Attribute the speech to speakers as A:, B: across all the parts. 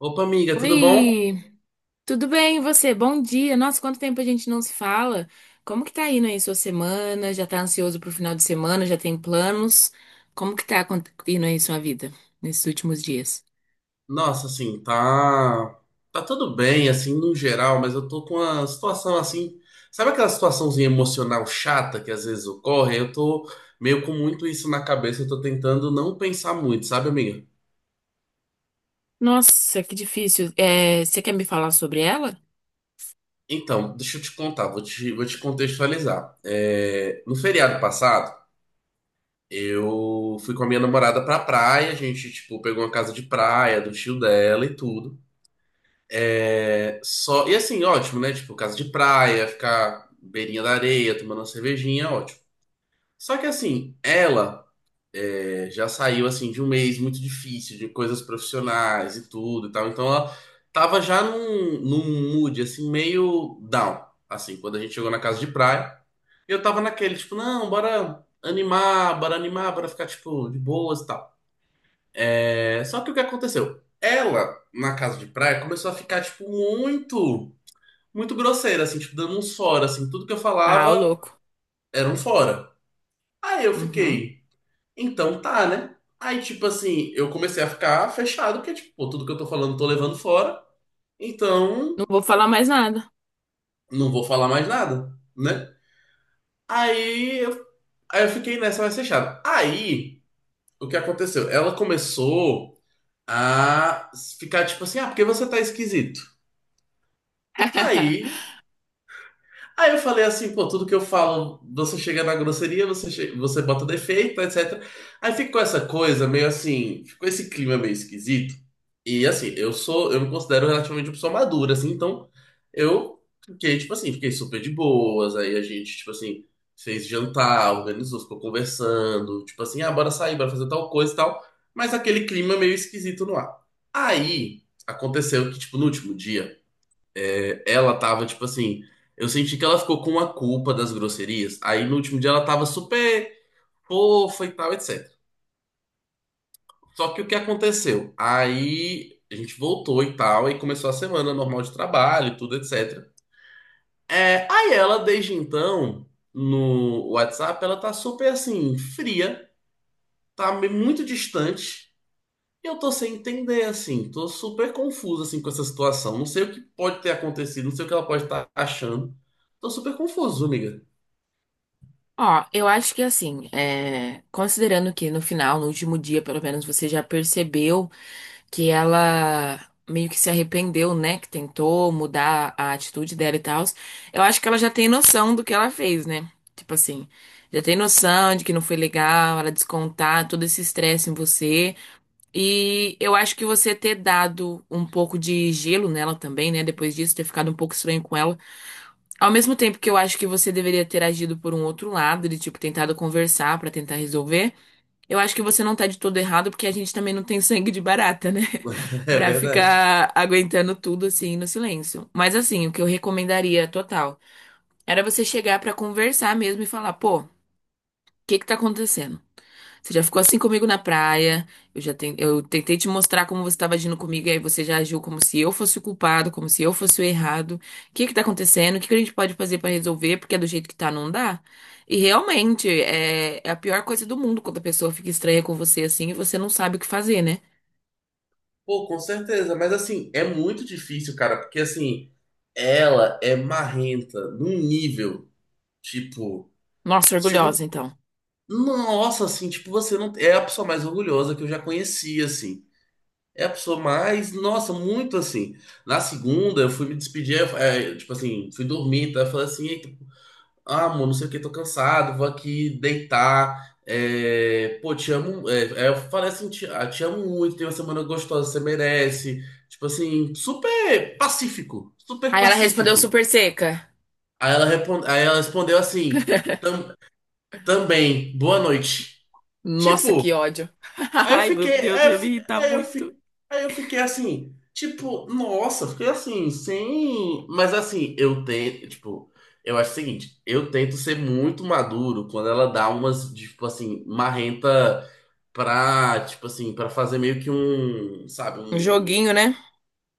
A: Opa, amiga, tudo bom?
B: Oi, tudo bem e você? Bom dia. Nossa, quanto tempo a gente não se fala? Como que tá indo aí sua semana? Já tá ansioso pro final de semana? Já tem planos? Como que tá indo aí sua vida nesses últimos dias?
A: Nossa, assim, tá tudo bem assim no geral, mas eu tô com uma situação assim, sabe aquela situaçãozinha emocional chata que às vezes ocorre? Eu tô meio com muito isso na cabeça, eu tô tentando não pensar muito, sabe, amiga?
B: Nossa, que difícil. É, você quer me falar sobre ela?
A: Então, deixa eu te contar, vou te contextualizar. No feriado passado, eu fui com a minha namorada pra praia, a gente, tipo, pegou uma casa de praia do tio dela e tudo. É, só, e assim, ótimo, né? Tipo, casa de praia, ficar beirinha da areia, tomando uma cervejinha, é ótimo. Só que assim, ela já saiu assim de um mês muito difícil, de coisas profissionais e tudo e tal. Então ela tava num mood assim, meio down, assim, quando a gente chegou na casa de praia. E eu tava naquele, tipo, não, bora animar, bora animar, bora ficar, tipo, de boas e tal. É, só que o que aconteceu? Ela, na casa de praia, começou a ficar, tipo, muito. Muito grosseira, assim, tipo, dando uns fora, assim, tudo que eu
B: Ah, ô
A: falava
B: louco.
A: era um fora. Aí eu
B: Uhum.
A: fiquei, então tá, né? Aí, tipo assim, eu comecei a ficar fechado, porque, tipo, pô, tudo que eu tô falando eu tô levando fora, então
B: Não vou falar mais nada.
A: não vou falar mais nada, né? Aí eu, aí eu fiquei nessa mais fechada. Aí, o que aconteceu? Ela começou a ficar, tipo assim, ah, porque você tá esquisito. Aí Aí eu falei assim, pô, tudo que eu falo, você chega na grosseria, você bota defeito, etc. Aí ficou essa coisa meio assim, ficou esse clima meio esquisito. E assim, eu me considero relativamente uma pessoa madura, assim, então eu fiquei, tipo assim, fiquei super de boas. Aí a gente, tipo assim, fez jantar, organizou, ficou conversando, tipo assim, ah, bora sair, bora fazer tal coisa e tal. Mas aquele clima meio esquisito no ar. Aí aconteceu que, tipo, no último dia. Ela tava, tipo assim, eu senti que ela ficou com a culpa das grosserias. Aí no último dia ela tava super fofa e tal, etc. Só que o que aconteceu? Aí a gente voltou e tal, e começou a semana normal de trabalho, e tudo, etc. É, aí ela, desde então, no WhatsApp, ela tá super assim, fria, muito distante. E eu tô sem entender, assim, tô super confuso, assim, com essa situação. Não sei o que pode ter acontecido, não sei o que ela pode estar achando. Tô super confuso, amiga.
B: Ó, eu acho que assim, é, considerando que no final, no último dia, pelo menos você já percebeu que ela meio que se arrependeu, né? Que tentou mudar a atitude dela e tal. Eu acho que ela já tem noção do que ela fez, né? Tipo assim, já tem noção de que não foi legal, ela descontar todo esse estresse em você. E eu acho que você ter dado um pouco de gelo nela também, né? Depois disso, ter ficado um pouco estranho com ela. Ao mesmo tempo que eu acho que você deveria ter agido por um outro lado, de tipo, tentado conversar pra tentar resolver. Eu acho que você não tá de todo errado, porque a gente também não tem sangue de barata, né?
A: É
B: Pra
A: verdade.
B: ficar aguentando tudo assim no silêncio. Mas assim, o que eu recomendaria total era você chegar pra conversar mesmo e falar, pô, o que que tá acontecendo? Você já ficou assim comigo na praia. Eu tentei te mostrar como você estava agindo comigo, e aí você já agiu como se eu fosse o culpado, como se eu fosse o errado. O que que tá acontecendo? O que que a gente pode fazer pra resolver? Porque do jeito que tá, não dá. E realmente é, é a pior coisa do mundo quando a pessoa fica estranha com você assim e você não sabe o que fazer, né?
A: Pô, com certeza. Mas assim, é muito difícil, cara, porque assim, ela é marrenta num nível, tipo,
B: Nossa,
A: você não.
B: orgulhosa, então.
A: Nossa, assim, tipo, você não. É a pessoa mais orgulhosa que eu já conheci, assim. É a pessoa mais. Nossa, muito assim. Na segunda, eu fui me despedir, tipo assim, fui dormir, tá? Eu falei assim, eita, ah, amor, não sei o que, tô cansado, vou aqui deitar. É, pô, te amo. Eu falei assim, ah, te amo muito, tem uma semana gostosa, você merece. Tipo assim, super pacífico, super
B: Aí ela respondeu
A: pacífico.
B: super seca.
A: Aí ela respondeu assim, "Tam- também, boa noite."
B: Nossa,
A: Tipo,
B: que ódio.
A: Aí eu
B: Ai, meu
A: fiquei,
B: Deus, eu
A: aí eu,
B: ia me
A: fi-
B: irritar
A: aí eu,
B: muito.
A: fi- aí eu fiquei assim, tipo, nossa, fiquei assim, sem. Mas assim, eu tento, tipo, eu acho o seguinte, eu tento ser muito maduro quando ela dá umas, tipo assim, marrenta pra, tipo assim, pra fazer meio que um, sabe,
B: Um
A: um
B: joguinho, né?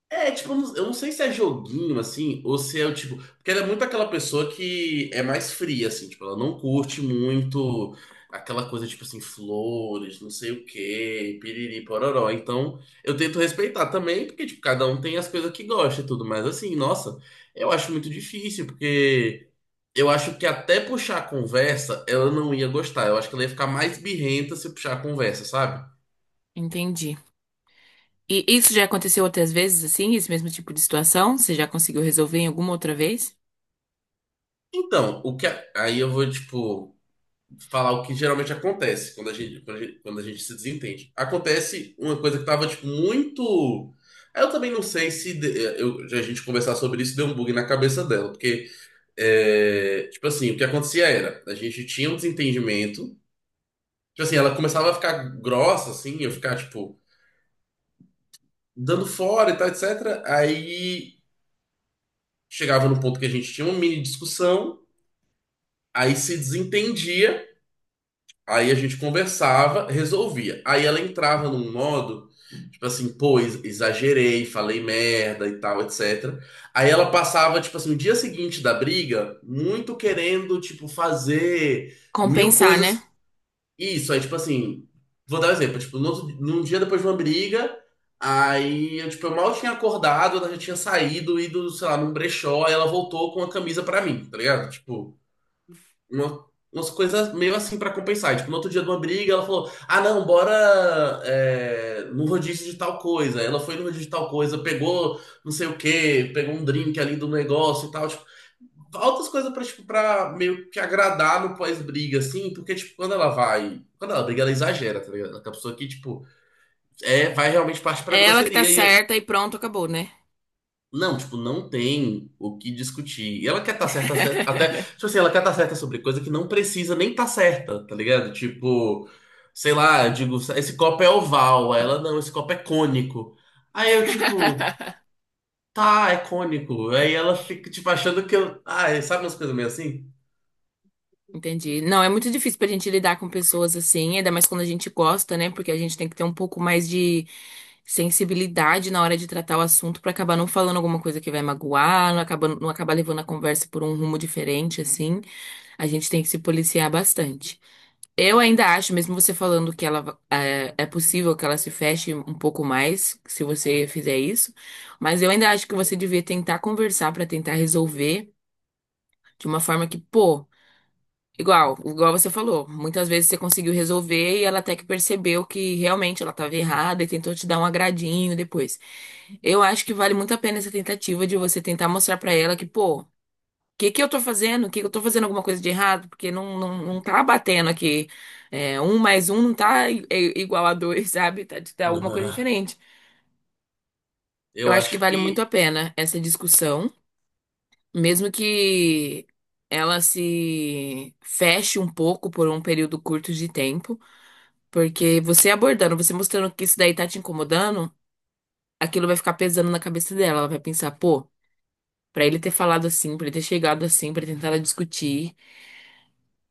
A: é, tipo, eu não sei se é joguinho, assim, ou se é o tipo. Porque ela é muito aquela pessoa que é mais fria, assim, tipo, ela não curte muito aquela coisa, tipo assim, flores, não sei o quê, piriri, pororó. Então, eu tento respeitar também, porque, tipo, cada um tem as coisas que gosta e tudo, mas assim, nossa, eu acho muito difícil, porque eu acho que até puxar a conversa, ela não ia gostar. Eu acho que ela ia ficar mais birrenta se puxar a conversa, sabe?
B: Entendi. E isso já aconteceu outras vezes, assim, esse mesmo tipo de situação? Você já conseguiu resolver em alguma outra vez?
A: Então, aí eu vou, tipo. Falar o que geralmente acontece quando a gente, quando a gente se desentende. Acontece uma coisa que tava, tipo, muito. Eu também não sei se de- eu, a gente conversar sobre isso deu um bug na cabeça dela, porque, é, tipo assim, o que acontecia era, a gente tinha um desentendimento, tipo assim, ela começava a ficar grossa, assim, eu ficar, tipo, dando fora e tal, etc. Aí chegava no ponto que a gente tinha uma mini discussão, aí se desentendia, aí a gente conversava, resolvia. Aí ela entrava num modo tipo assim, pô, exagerei, falei merda e tal, etc. Aí ela passava, tipo assim, no dia seguinte da briga, muito querendo, tipo, fazer mil
B: Compensar, né?
A: coisas. Isso, aí, tipo assim, vou dar um exemplo. Tipo, no outro- num dia depois de uma briga, aí eu, tipo, eu mal tinha acordado, ela já tinha saído, ido, sei lá, num brechó, aí ela voltou com a camisa pra mim, tá ligado? Tipo uma, umas coisas meio assim pra compensar. Tipo, no outro dia de uma briga, ela falou: ah, não, bora é, no rodízio de tal coisa. Ela foi no rodízio de tal coisa, pegou não sei o quê, pegou um drink ali do negócio e tal. Tipo, altas coisas pra, tipo, pra meio que agradar no pós-briga, assim, porque, tipo, quando ela vai. Quando ela briga, ela exagera, tá ligado? A pessoa que, tipo, é, vai realmente parte pra
B: É ela que tá
A: grosseria
B: certa e pronto, acabou, né?
A: não, tipo, não tem o que discutir. E ela quer estar certa, até, tipo assim, ela quer estar certa sobre coisa que não precisa nem estar certa, tá ligado? Tipo, sei lá, eu digo, esse copo é oval, aí ela não, esse copo é cônico. Aí eu, tipo, tá, é cônico. Aí ela fica, tipo, achando que eu. Ah, sabe umas coisas meio assim?
B: Entendi. Não, é muito difícil pra gente lidar com pessoas assim, ainda mais quando a gente gosta, né? Porque a gente tem que ter um pouco mais de sensibilidade na hora de tratar o assunto pra acabar não falando alguma coisa que vai magoar, não acabar, não acabar levando a conversa por um rumo diferente, assim. A gente tem que se policiar bastante. Eu ainda acho, mesmo você falando que ela é, é possível que ela se feche um pouco mais se você fizer isso, mas eu ainda acho que você devia tentar conversar pra tentar resolver de uma forma que, pô, igual você falou, muitas vezes você conseguiu resolver e ela até que percebeu que realmente ela estava errada e tentou te dar um agradinho depois. Eu acho que vale muito a pena essa tentativa de você tentar mostrar pra ela que, pô, que eu tô fazendo? Que eu tô fazendo alguma coisa de errado? Porque não, não, não tá batendo aqui. É, um mais um não tá igual a dois, sabe? Tá, tá alguma coisa diferente. Eu
A: Eu
B: acho que
A: acho
B: vale muito
A: que
B: a pena essa discussão, mesmo que ela se feche um pouco por um período curto de tempo, porque você abordando, você mostrando que isso daí tá te incomodando, aquilo vai ficar pesando na cabeça dela. Ela vai pensar, pô, pra ele ter falado assim, pra ele ter chegado assim, pra ele tentar discutir.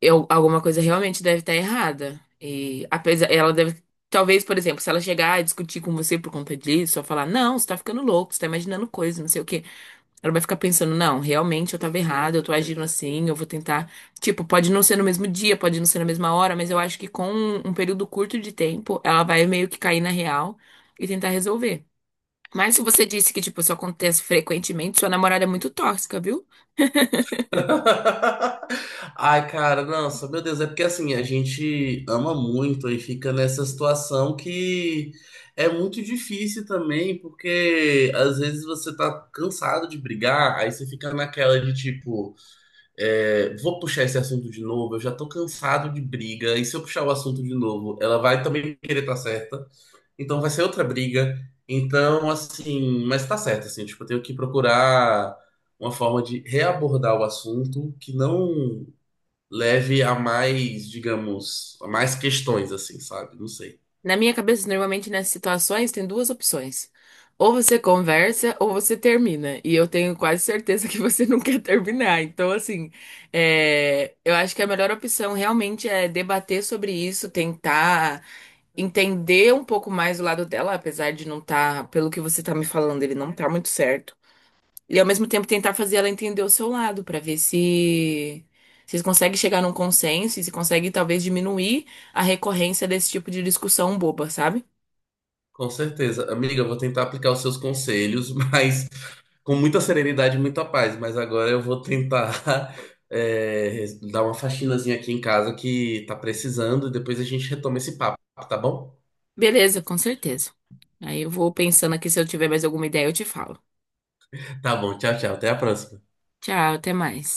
B: Eu, alguma coisa realmente deve estar errada. E apesar, ela deve, talvez, por exemplo, se ela chegar a discutir com você por conta disso, ou falar, não, você tá ficando louco, você tá imaginando coisas, não sei o quê. Ela vai ficar pensando, não, realmente eu tava errada, eu tô agindo assim, eu vou tentar. Tipo, pode não ser no mesmo dia, pode não ser na mesma hora, mas eu acho que com um período curto de tempo, ela vai meio que cair na real e tentar resolver. Mas se você disse que, tipo, isso acontece frequentemente, sua namorada é muito tóxica, viu?
A: ai, cara, nossa, meu Deus, é porque assim, a gente ama muito e fica nessa situação que é muito difícil também, porque às vezes você tá cansado de brigar, aí você fica naquela de tipo, é, vou puxar esse assunto de novo, eu já tô cansado de briga, e se eu puxar o assunto de novo, ela vai também querer estar certa. Então vai ser outra briga. Então, assim, mas tá certo, assim, tipo, eu tenho que procurar uma forma de reabordar o assunto que não leve a mais, digamos, a mais questões, assim, sabe? Não sei.
B: Na minha cabeça, normalmente nessas situações tem duas opções. Ou você conversa ou você termina. E eu tenho quase certeza que você não quer terminar. Então, assim, é, eu acho que a melhor opção realmente é debater sobre isso, tentar entender um pouco mais o lado dela, apesar de não estar, pelo que você tá me falando, ele não tá muito certo. E ao mesmo tempo tentar fazer ela entender o seu lado, pra ver se vocês conseguem chegar num consenso e se consegue talvez diminuir a recorrência desse tipo de discussão boba, sabe?
A: Com certeza. Amiga, eu vou tentar aplicar os seus conselhos, mas com muita serenidade e muita paz. Mas agora eu vou tentar é, dar uma faxinazinha aqui em casa que tá precisando, e depois a gente retoma esse papo, tá bom?
B: Beleza, com certeza. Aí eu vou pensando aqui, se eu tiver mais alguma ideia, eu te falo.
A: Tá bom, tchau, tchau. Até a próxima.
B: Tchau, até mais.